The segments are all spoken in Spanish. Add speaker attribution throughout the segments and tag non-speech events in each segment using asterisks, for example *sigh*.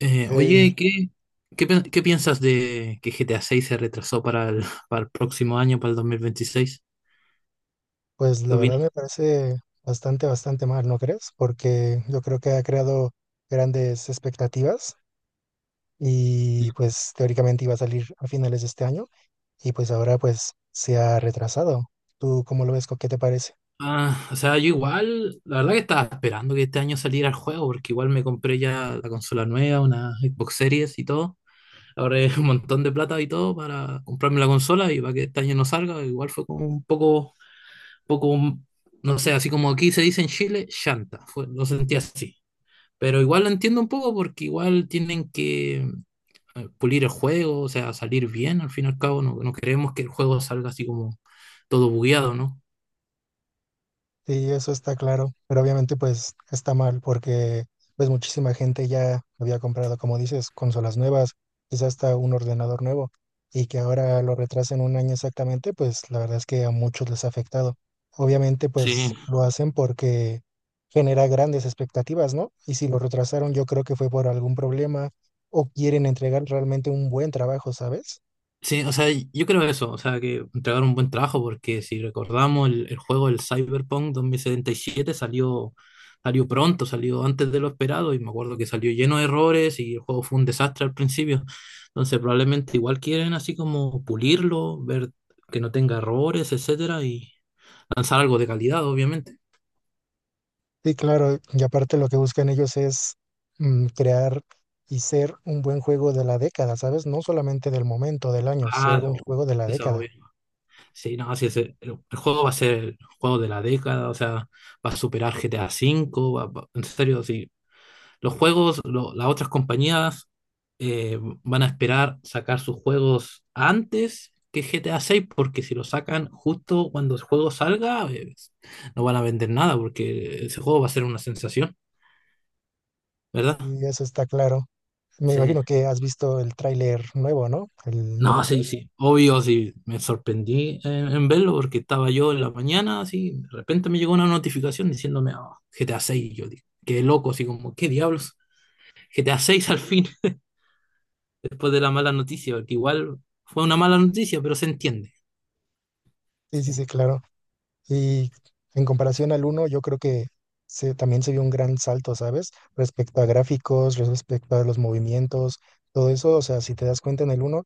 Speaker 1: Eh,
Speaker 2: Y
Speaker 1: oye, ¿qué, qué, pen- qué piensas de que GTA seis se retrasó para el, *laughs* para el próximo año, para el 2026?
Speaker 2: pues
Speaker 1: ¿Qué
Speaker 2: la verdad
Speaker 1: opinas?
Speaker 2: me parece bastante, bastante mal, ¿no crees? Porque yo creo que ha creado grandes expectativas y pues teóricamente iba a salir a finales de este año y pues ahora pues se ha retrasado. ¿Tú cómo lo ves? ¿Qué te parece?
Speaker 1: Ah, o sea, yo igual, la verdad que estaba esperando que este año saliera el juego, porque igual me compré ya la consola nueva, una Xbox Series y todo. Ahorré *laughs* un montón de plata y todo para comprarme la consola y para que este año no salga, igual fue como un poco, no sé, así como aquí se dice en Chile, chanta, fue, lo sentí así. Pero igual lo entiendo un poco porque igual tienen que pulir el juego, o sea, salir bien, al fin y al cabo, no, no queremos que el juego salga así como todo bugueado, ¿no?
Speaker 2: Sí, eso está claro, pero obviamente pues está mal porque pues muchísima gente ya había comprado, como dices, consolas nuevas, quizás hasta un ordenador nuevo y que ahora lo retrasen un año exactamente, pues la verdad es que a muchos les ha afectado. Obviamente pues
Speaker 1: Sí,
Speaker 2: lo hacen porque genera grandes expectativas, ¿no? Y si lo retrasaron yo creo que fue por algún problema o quieren entregar realmente un buen trabajo, ¿sabes?
Speaker 1: sí, o sea, yo creo eso, o sea, que entregar un buen trabajo, porque si recordamos el Cyberpunk 2077 salió pronto, salió antes de lo esperado, y me acuerdo que salió lleno de errores y el juego fue un desastre al principio. Entonces, probablemente igual quieren así como pulirlo, ver que no tenga errores, etcétera, y lanzar algo de calidad, obviamente.
Speaker 2: Sí, claro, y aparte lo que buscan ellos es crear y ser un buen juego de la década, ¿sabes? No solamente del momento, del año,
Speaker 1: Ah,
Speaker 2: ser un juego de la
Speaker 1: eso,
Speaker 2: década.
Speaker 1: sí, no, sí, el juego va a ser el juego de la década, o sea, va a superar GTA V, en serio, sí. Los juegos, las otras compañías van a esperar sacar sus juegos antes que GTA VI, porque si lo sacan justo cuando el juego salga, no van a vender nada, porque ese juego va a ser una sensación, ¿verdad?
Speaker 2: Sí, eso está claro. Me
Speaker 1: Sí.
Speaker 2: imagino que has visto el tráiler nuevo, ¿no? El
Speaker 1: No,
Speaker 2: número.
Speaker 1: sí, sí, obvio, sí, me sorprendí en verlo porque estaba yo en la mañana, así, de repente me llegó una notificación diciéndome: "Ah, GTA 6", yo digo, qué loco, así como, qué diablos, GTA 6 al fin, *laughs* después de la mala noticia, porque igual fue una mala noticia, pero se entiende.
Speaker 2: Sí, sí,
Speaker 1: Sí.
Speaker 2: sí, claro. Y en comparación al uno yo creo que también se vio un gran salto, ¿sabes? Respecto a gráficos, respecto a los movimientos, todo eso, o sea, si te das cuenta en el uno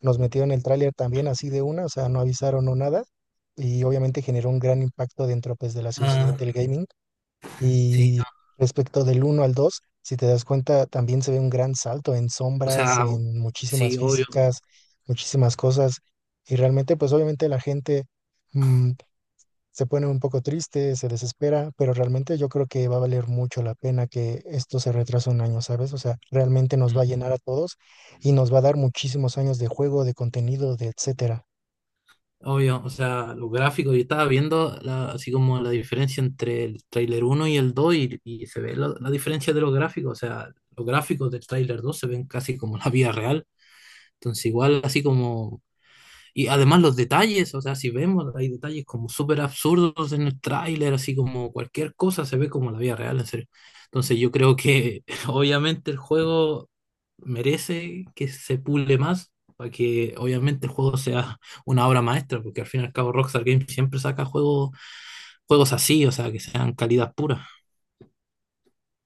Speaker 2: nos metieron el tráiler también así de una, o sea, no avisaron o nada, y obviamente generó un gran impacto dentro, pues, de la sociedad
Speaker 1: Ah,
Speaker 2: del gaming.
Speaker 1: sí,
Speaker 2: Y
Speaker 1: no,
Speaker 2: respecto del uno al 2 si te das cuenta, también se ve un gran salto en
Speaker 1: o
Speaker 2: sombras,
Speaker 1: sea,
Speaker 2: en muchísimas
Speaker 1: sí, obvio.
Speaker 2: físicas, muchísimas cosas, y realmente, pues, obviamente la gente... mm, se ponen un poco tristes, se desespera, pero realmente yo creo que va a valer mucho la pena que esto se retrase un año, ¿sabes? O sea, realmente nos va a
Speaker 1: Mm.
Speaker 2: llenar a todos y nos va a dar muchísimos años de juego, de contenido, de etcétera.
Speaker 1: Obvio, o sea, los gráficos, yo estaba viendo así como la diferencia entre el tráiler uno y el 2 y se ve la diferencia de los gráficos, o sea, los gráficos del tráiler 2 se ven casi como la vida real, entonces igual así como, y además los detalles, o sea, si vemos, hay detalles como súper absurdos en el tráiler, así como cualquier cosa se ve como la vida real, en serio. Entonces yo creo que *laughs* obviamente el juego merece que se pule más para que obviamente el juego sea una obra maestra, porque al fin y al cabo Rockstar Games siempre saca juegos, juegos así, o sea, que sean calidad pura.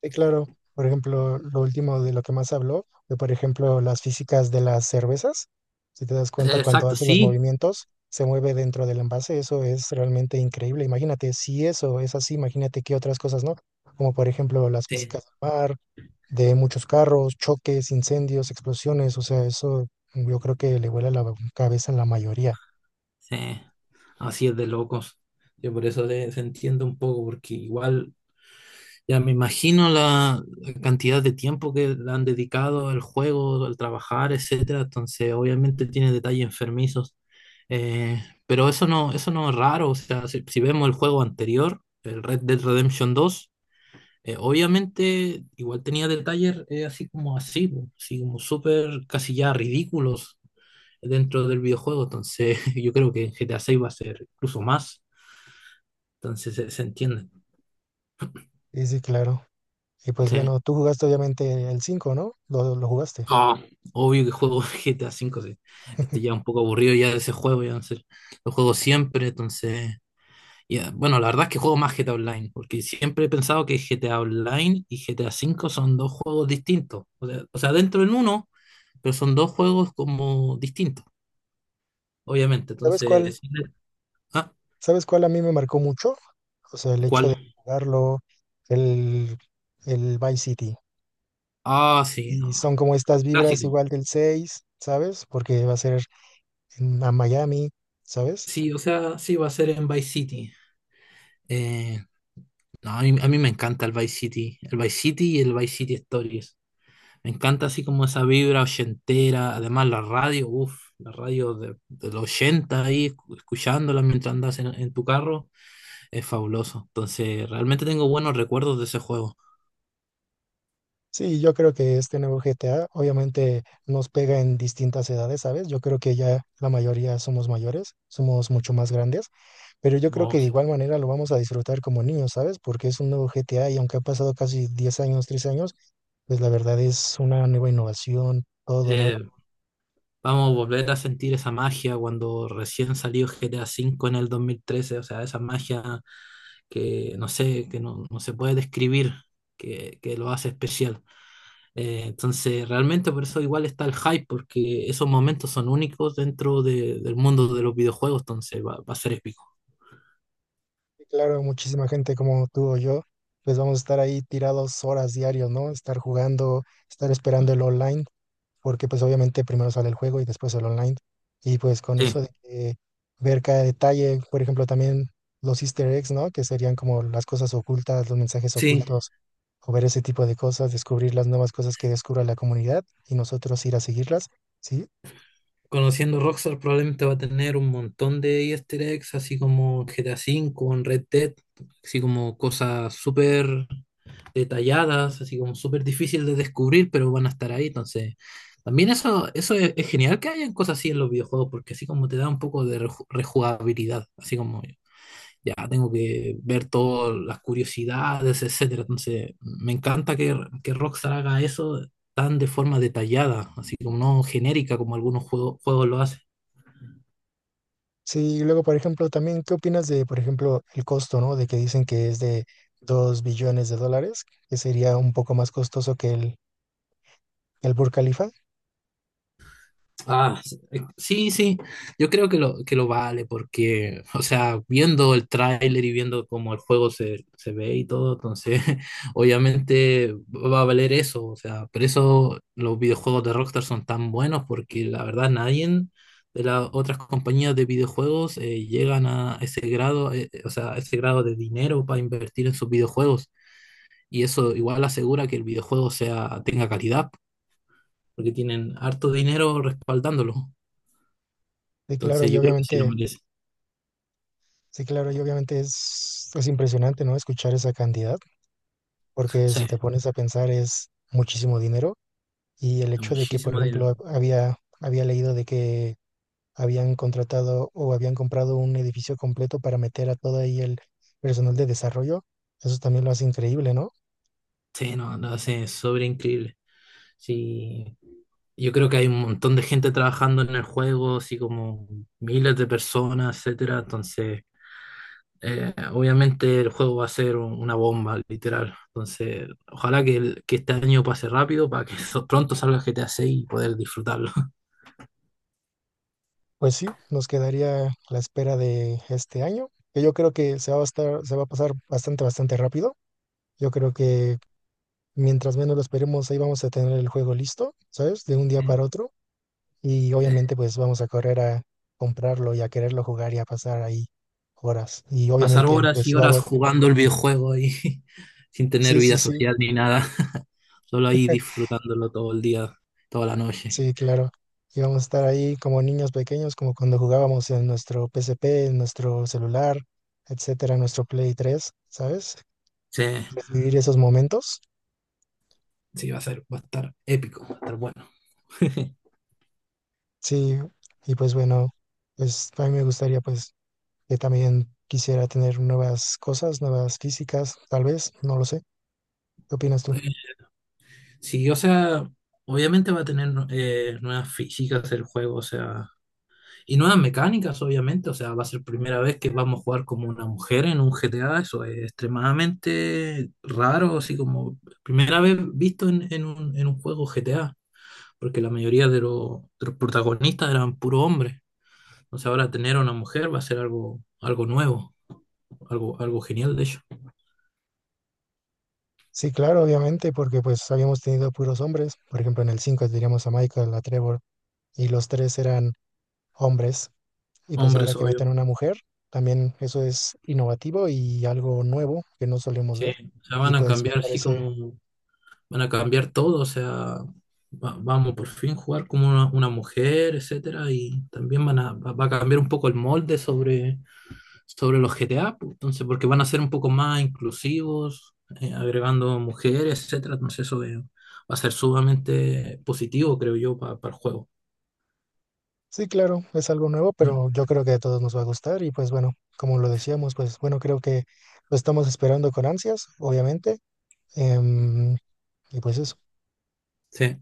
Speaker 2: Sí, claro. Por ejemplo, lo último de lo que más habló fue, por ejemplo, las físicas de las cervezas. Si te das cuenta, cuando
Speaker 1: Exacto,
Speaker 2: hace los
Speaker 1: sí,
Speaker 2: movimientos, se mueve dentro del envase. Eso es realmente increíble. Imagínate, si eso es así, imagínate qué otras cosas, ¿no? Como por ejemplo las
Speaker 1: sí,
Speaker 2: físicas del mar, de muchos carros, choques, incendios, explosiones. O sea, eso yo creo que le vuela la cabeza a la mayoría.
Speaker 1: sí. Así es de locos. Yo por eso se entiendo un poco, porque igual ya me imagino la cantidad de tiempo que le han dedicado al juego, al trabajar, etcétera. Entonces, obviamente tiene detalles enfermizos. Pero eso no es raro. O sea, si vemos el juego anterior, el Red Dead Redemption dos obviamente igual tenía detalles así como así, po, así como súper casi ya ridículos dentro del videojuego. Entonces, *laughs* yo creo que en GTA 6 va a ser incluso más. Entonces, se entiende.
Speaker 2: Sí, sí, claro. Y pues
Speaker 1: Sí.
Speaker 2: bueno, tú jugaste obviamente el 5, ¿no? Lo jugaste.
Speaker 1: No, obvio que juego *laughs* GTA V, sí. Estoy ya un poco aburrido ya de ese juego, ya no sé. Lo juego siempre, entonces. Ya, bueno, la verdad es que juego más GTA Online, porque siempre he pensado que GTA Online y GTA V son dos juegos distintos. O sea, dentro en uno, pero son dos juegos como distintos, obviamente.
Speaker 2: ¿Sabes cuál?
Speaker 1: Entonces, sí, ah,
Speaker 2: ¿Sabes cuál a mí me marcó mucho? O sea, el hecho de
Speaker 1: ¿cuál?
Speaker 2: jugarlo, el, el Vice City.
Speaker 1: Ah, sí,
Speaker 2: Y
Speaker 1: no,
Speaker 2: son como estas vibras
Speaker 1: clásico.
Speaker 2: igual del 6, ¿sabes? Porque va a ser a Miami, ¿sabes?
Speaker 1: Sí, o sea, sí, va a ser en Vice City. Eh, no, a mí me encanta el Vice City y el Vice City Stories. Me encanta así como esa vibra ochentera, además la radio, uff, la radio de los 80 ahí, escuchándola mientras andas en tu carro, es fabuloso. Entonces, realmente tengo buenos recuerdos de ese juego.
Speaker 2: Sí, yo creo que este nuevo GTA obviamente nos pega en distintas edades, ¿sabes? Yo creo que ya la mayoría somos mayores, somos mucho más grandes. Pero yo creo
Speaker 1: Oh,
Speaker 2: que de
Speaker 1: sí.
Speaker 2: igual manera lo vamos a disfrutar como niños, ¿sabes? Porque es un nuevo GTA y aunque ha pasado casi 10 años, 3 años, pues la verdad es una nueva innovación, todo nuevo.
Speaker 1: Eh, vamos a volver a sentir esa magia cuando recién salió GTA V en el 2013, o sea, esa magia que no sé, que no, no se puede describir, que lo hace especial. Entonces, realmente por eso igual está el hype, porque esos momentos son únicos dentro del mundo de los videojuegos, entonces va a ser épico.
Speaker 2: Y claro, muchísima gente como tú o yo, pues vamos a estar ahí tirados horas diarios, ¿no? Estar jugando, estar esperando el online. Porque pues obviamente primero sale el juego y después el online. Y pues con
Speaker 1: Sí,
Speaker 2: eso de que ver cada detalle, por ejemplo, también los easter eggs, ¿no? Que serían como las cosas ocultas, los mensajes
Speaker 1: sí.
Speaker 2: ocultos, o ver ese tipo de cosas, descubrir las nuevas cosas que descubra la comunidad y nosotros ir a seguirlas, ¿sí?
Speaker 1: Conociendo Rockstar probablemente va a tener un montón de easter eggs, así como GTA V, en Red Dead, así como cosas súper detalladas, así como súper difícil de descubrir, pero van a estar ahí. Entonces, también eso es genial que hayan cosas así en los videojuegos, porque así como te da un poco de rejugabilidad, así como ya tengo que ver todas las curiosidades, etcétera. Entonces, me encanta que Rockstar haga eso tan de forma detallada, así como no genérica como algunos juegos lo hacen.
Speaker 2: Sí, y luego, por ejemplo, también, ¿qué opinas de, por ejemplo, el costo, ¿no? De que dicen que es de 2 billones de dólares, que sería un poco más costoso que el Burj Khalifa.
Speaker 1: Ah, sí, sí, yo creo que lo vale porque, o sea, viendo el tráiler y viendo cómo el juego se ve y todo, entonces *laughs* obviamente va a valer eso, o sea, por eso los videojuegos de Rockstar son tan buenos porque la verdad nadie de las otras compañías de videojuegos llegan a ese grado, o sea, a ese grado de dinero para invertir en sus videojuegos y eso igual asegura que el videojuego tenga calidad porque tienen harto dinero respaldándolo.
Speaker 2: Sí claro,
Speaker 1: Entonces
Speaker 2: y
Speaker 1: yo creo que sí lo
Speaker 2: obviamente
Speaker 1: merece.
Speaker 2: sí, claro, y obviamente es impresionante, ¿no? Escuchar esa cantidad, porque
Speaker 1: Sí,
Speaker 2: si te pones a pensar es muchísimo dinero y el
Speaker 1: es
Speaker 2: hecho de que, por
Speaker 1: muchísimo dinero.
Speaker 2: ejemplo, había leído de que habían contratado o habían comprado un edificio completo para meter a todo ahí el personal de desarrollo, eso también lo hace increíble, ¿no?
Speaker 1: Sí, no, lo hace sobre increíble. Sí, yo creo que hay un montón de gente trabajando en el juego, así como miles de personas, etcétera. Entonces, obviamente el juego va a ser una bomba, literal. Entonces, ojalá que, que este año pase rápido para que *laughs* pronto salga GTA 6 y poder disfrutarlo.
Speaker 2: Pues sí, nos quedaría la espera de este año, que yo creo que se va a pasar bastante, bastante rápido. Yo creo que mientras menos lo esperemos, ahí vamos a tener el juego listo, ¿sabes? De un día para
Speaker 1: *laughs*
Speaker 2: otro. Y
Speaker 1: Eh,
Speaker 2: obviamente pues vamos a correr a comprarlo y a quererlo jugar y a pasar ahí horas. Y
Speaker 1: pasar
Speaker 2: obviamente
Speaker 1: horas
Speaker 2: pues
Speaker 1: y horas
Speaker 2: vamos,
Speaker 1: jugando el videojuego y *laughs* sin tener
Speaker 2: sí, sí,
Speaker 1: vida
Speaker 2: sí,
Speaker 1: social ni nada. *laughs* Solo ahí disfrutándolo todo el día, toda la noche.
Speaker 2: sí, claro. Y vamos a estar ahí como niños pequeños, como cuando jugábamos en nuestro PSP, en nuestro celular, etcétera, en nuestro Play tres, ¿sabes?
Speaker 1: Sí,
Speaker 2: Pues, vivir esos momentos.
Speaker 1: sí, va a ser, va a estar épico, va a estar bueno. *laughs*
Speaker 2: Sí, y pues bueno, pues a mí me gustaría pues que también quisiera tener nuevas cosas, nuevas físicas, tal vez, no lo sé. ¿Qué opinas tú?
Speaker 1: Sí, o sea, obviamente va a tener nuevas físicas el juego, o sea, y nuevas mecánicas, obviamente, o sea, va a ser primera vez que vamos a jugar como una mujer en un GTA, eso es extremadamente raro, así como primera vez visto en un juego GTA. Porque la mayoría de los protagonistas eran puro hombres. Entonces ahora tener a una mujer va a ser algo, algo nuevo, algo, algo genial de hecho.
Speaker 2: Sí, claro, obviamente, porque pues habíamos tenido puros hombres. Por ejemplo, en el 5 teníamos a Michael, a Trevor, y los tres eran hombres. Y pues ahora
Speaker 1: Hombres,
Speaker 2: que meten
Speaker 1: obvio.
Speaker 2: una mujer, también eso es innovativo y algo nuevo que no solemos
Speaker 1: Sí,
Speaker 2: ver.
Speaker 1: o sea,
Speaker 2: Y
Speaker 1: van a
Speaker 2: pues me
Speaker 1: cambiar así
Speaker 2: parece,
Speaker 1: como, van a cambiar todo, o sea, vamos por fin jugar como una mujer, etcétera, y también van a, va va a cambiar un poco el molde sobre, sobre los GTA, pues, entonces, porque van a ser un poco más inclusivos, agregando mujeres, etcétera, entonces eso va a ser sumamente positivo, creo yo, para el juego.
Speaker 2: sí, claro, es algo nuevo,
Speaker 1: Mm.
Speaker 2: pero yo creo que a todos nos va a gustar. Y pues bueno, como lo decíamos, pues bueno, creo que lo estamos esperando con ansias, obviamente. Em, y pues eso.
Speaker 1: Sí.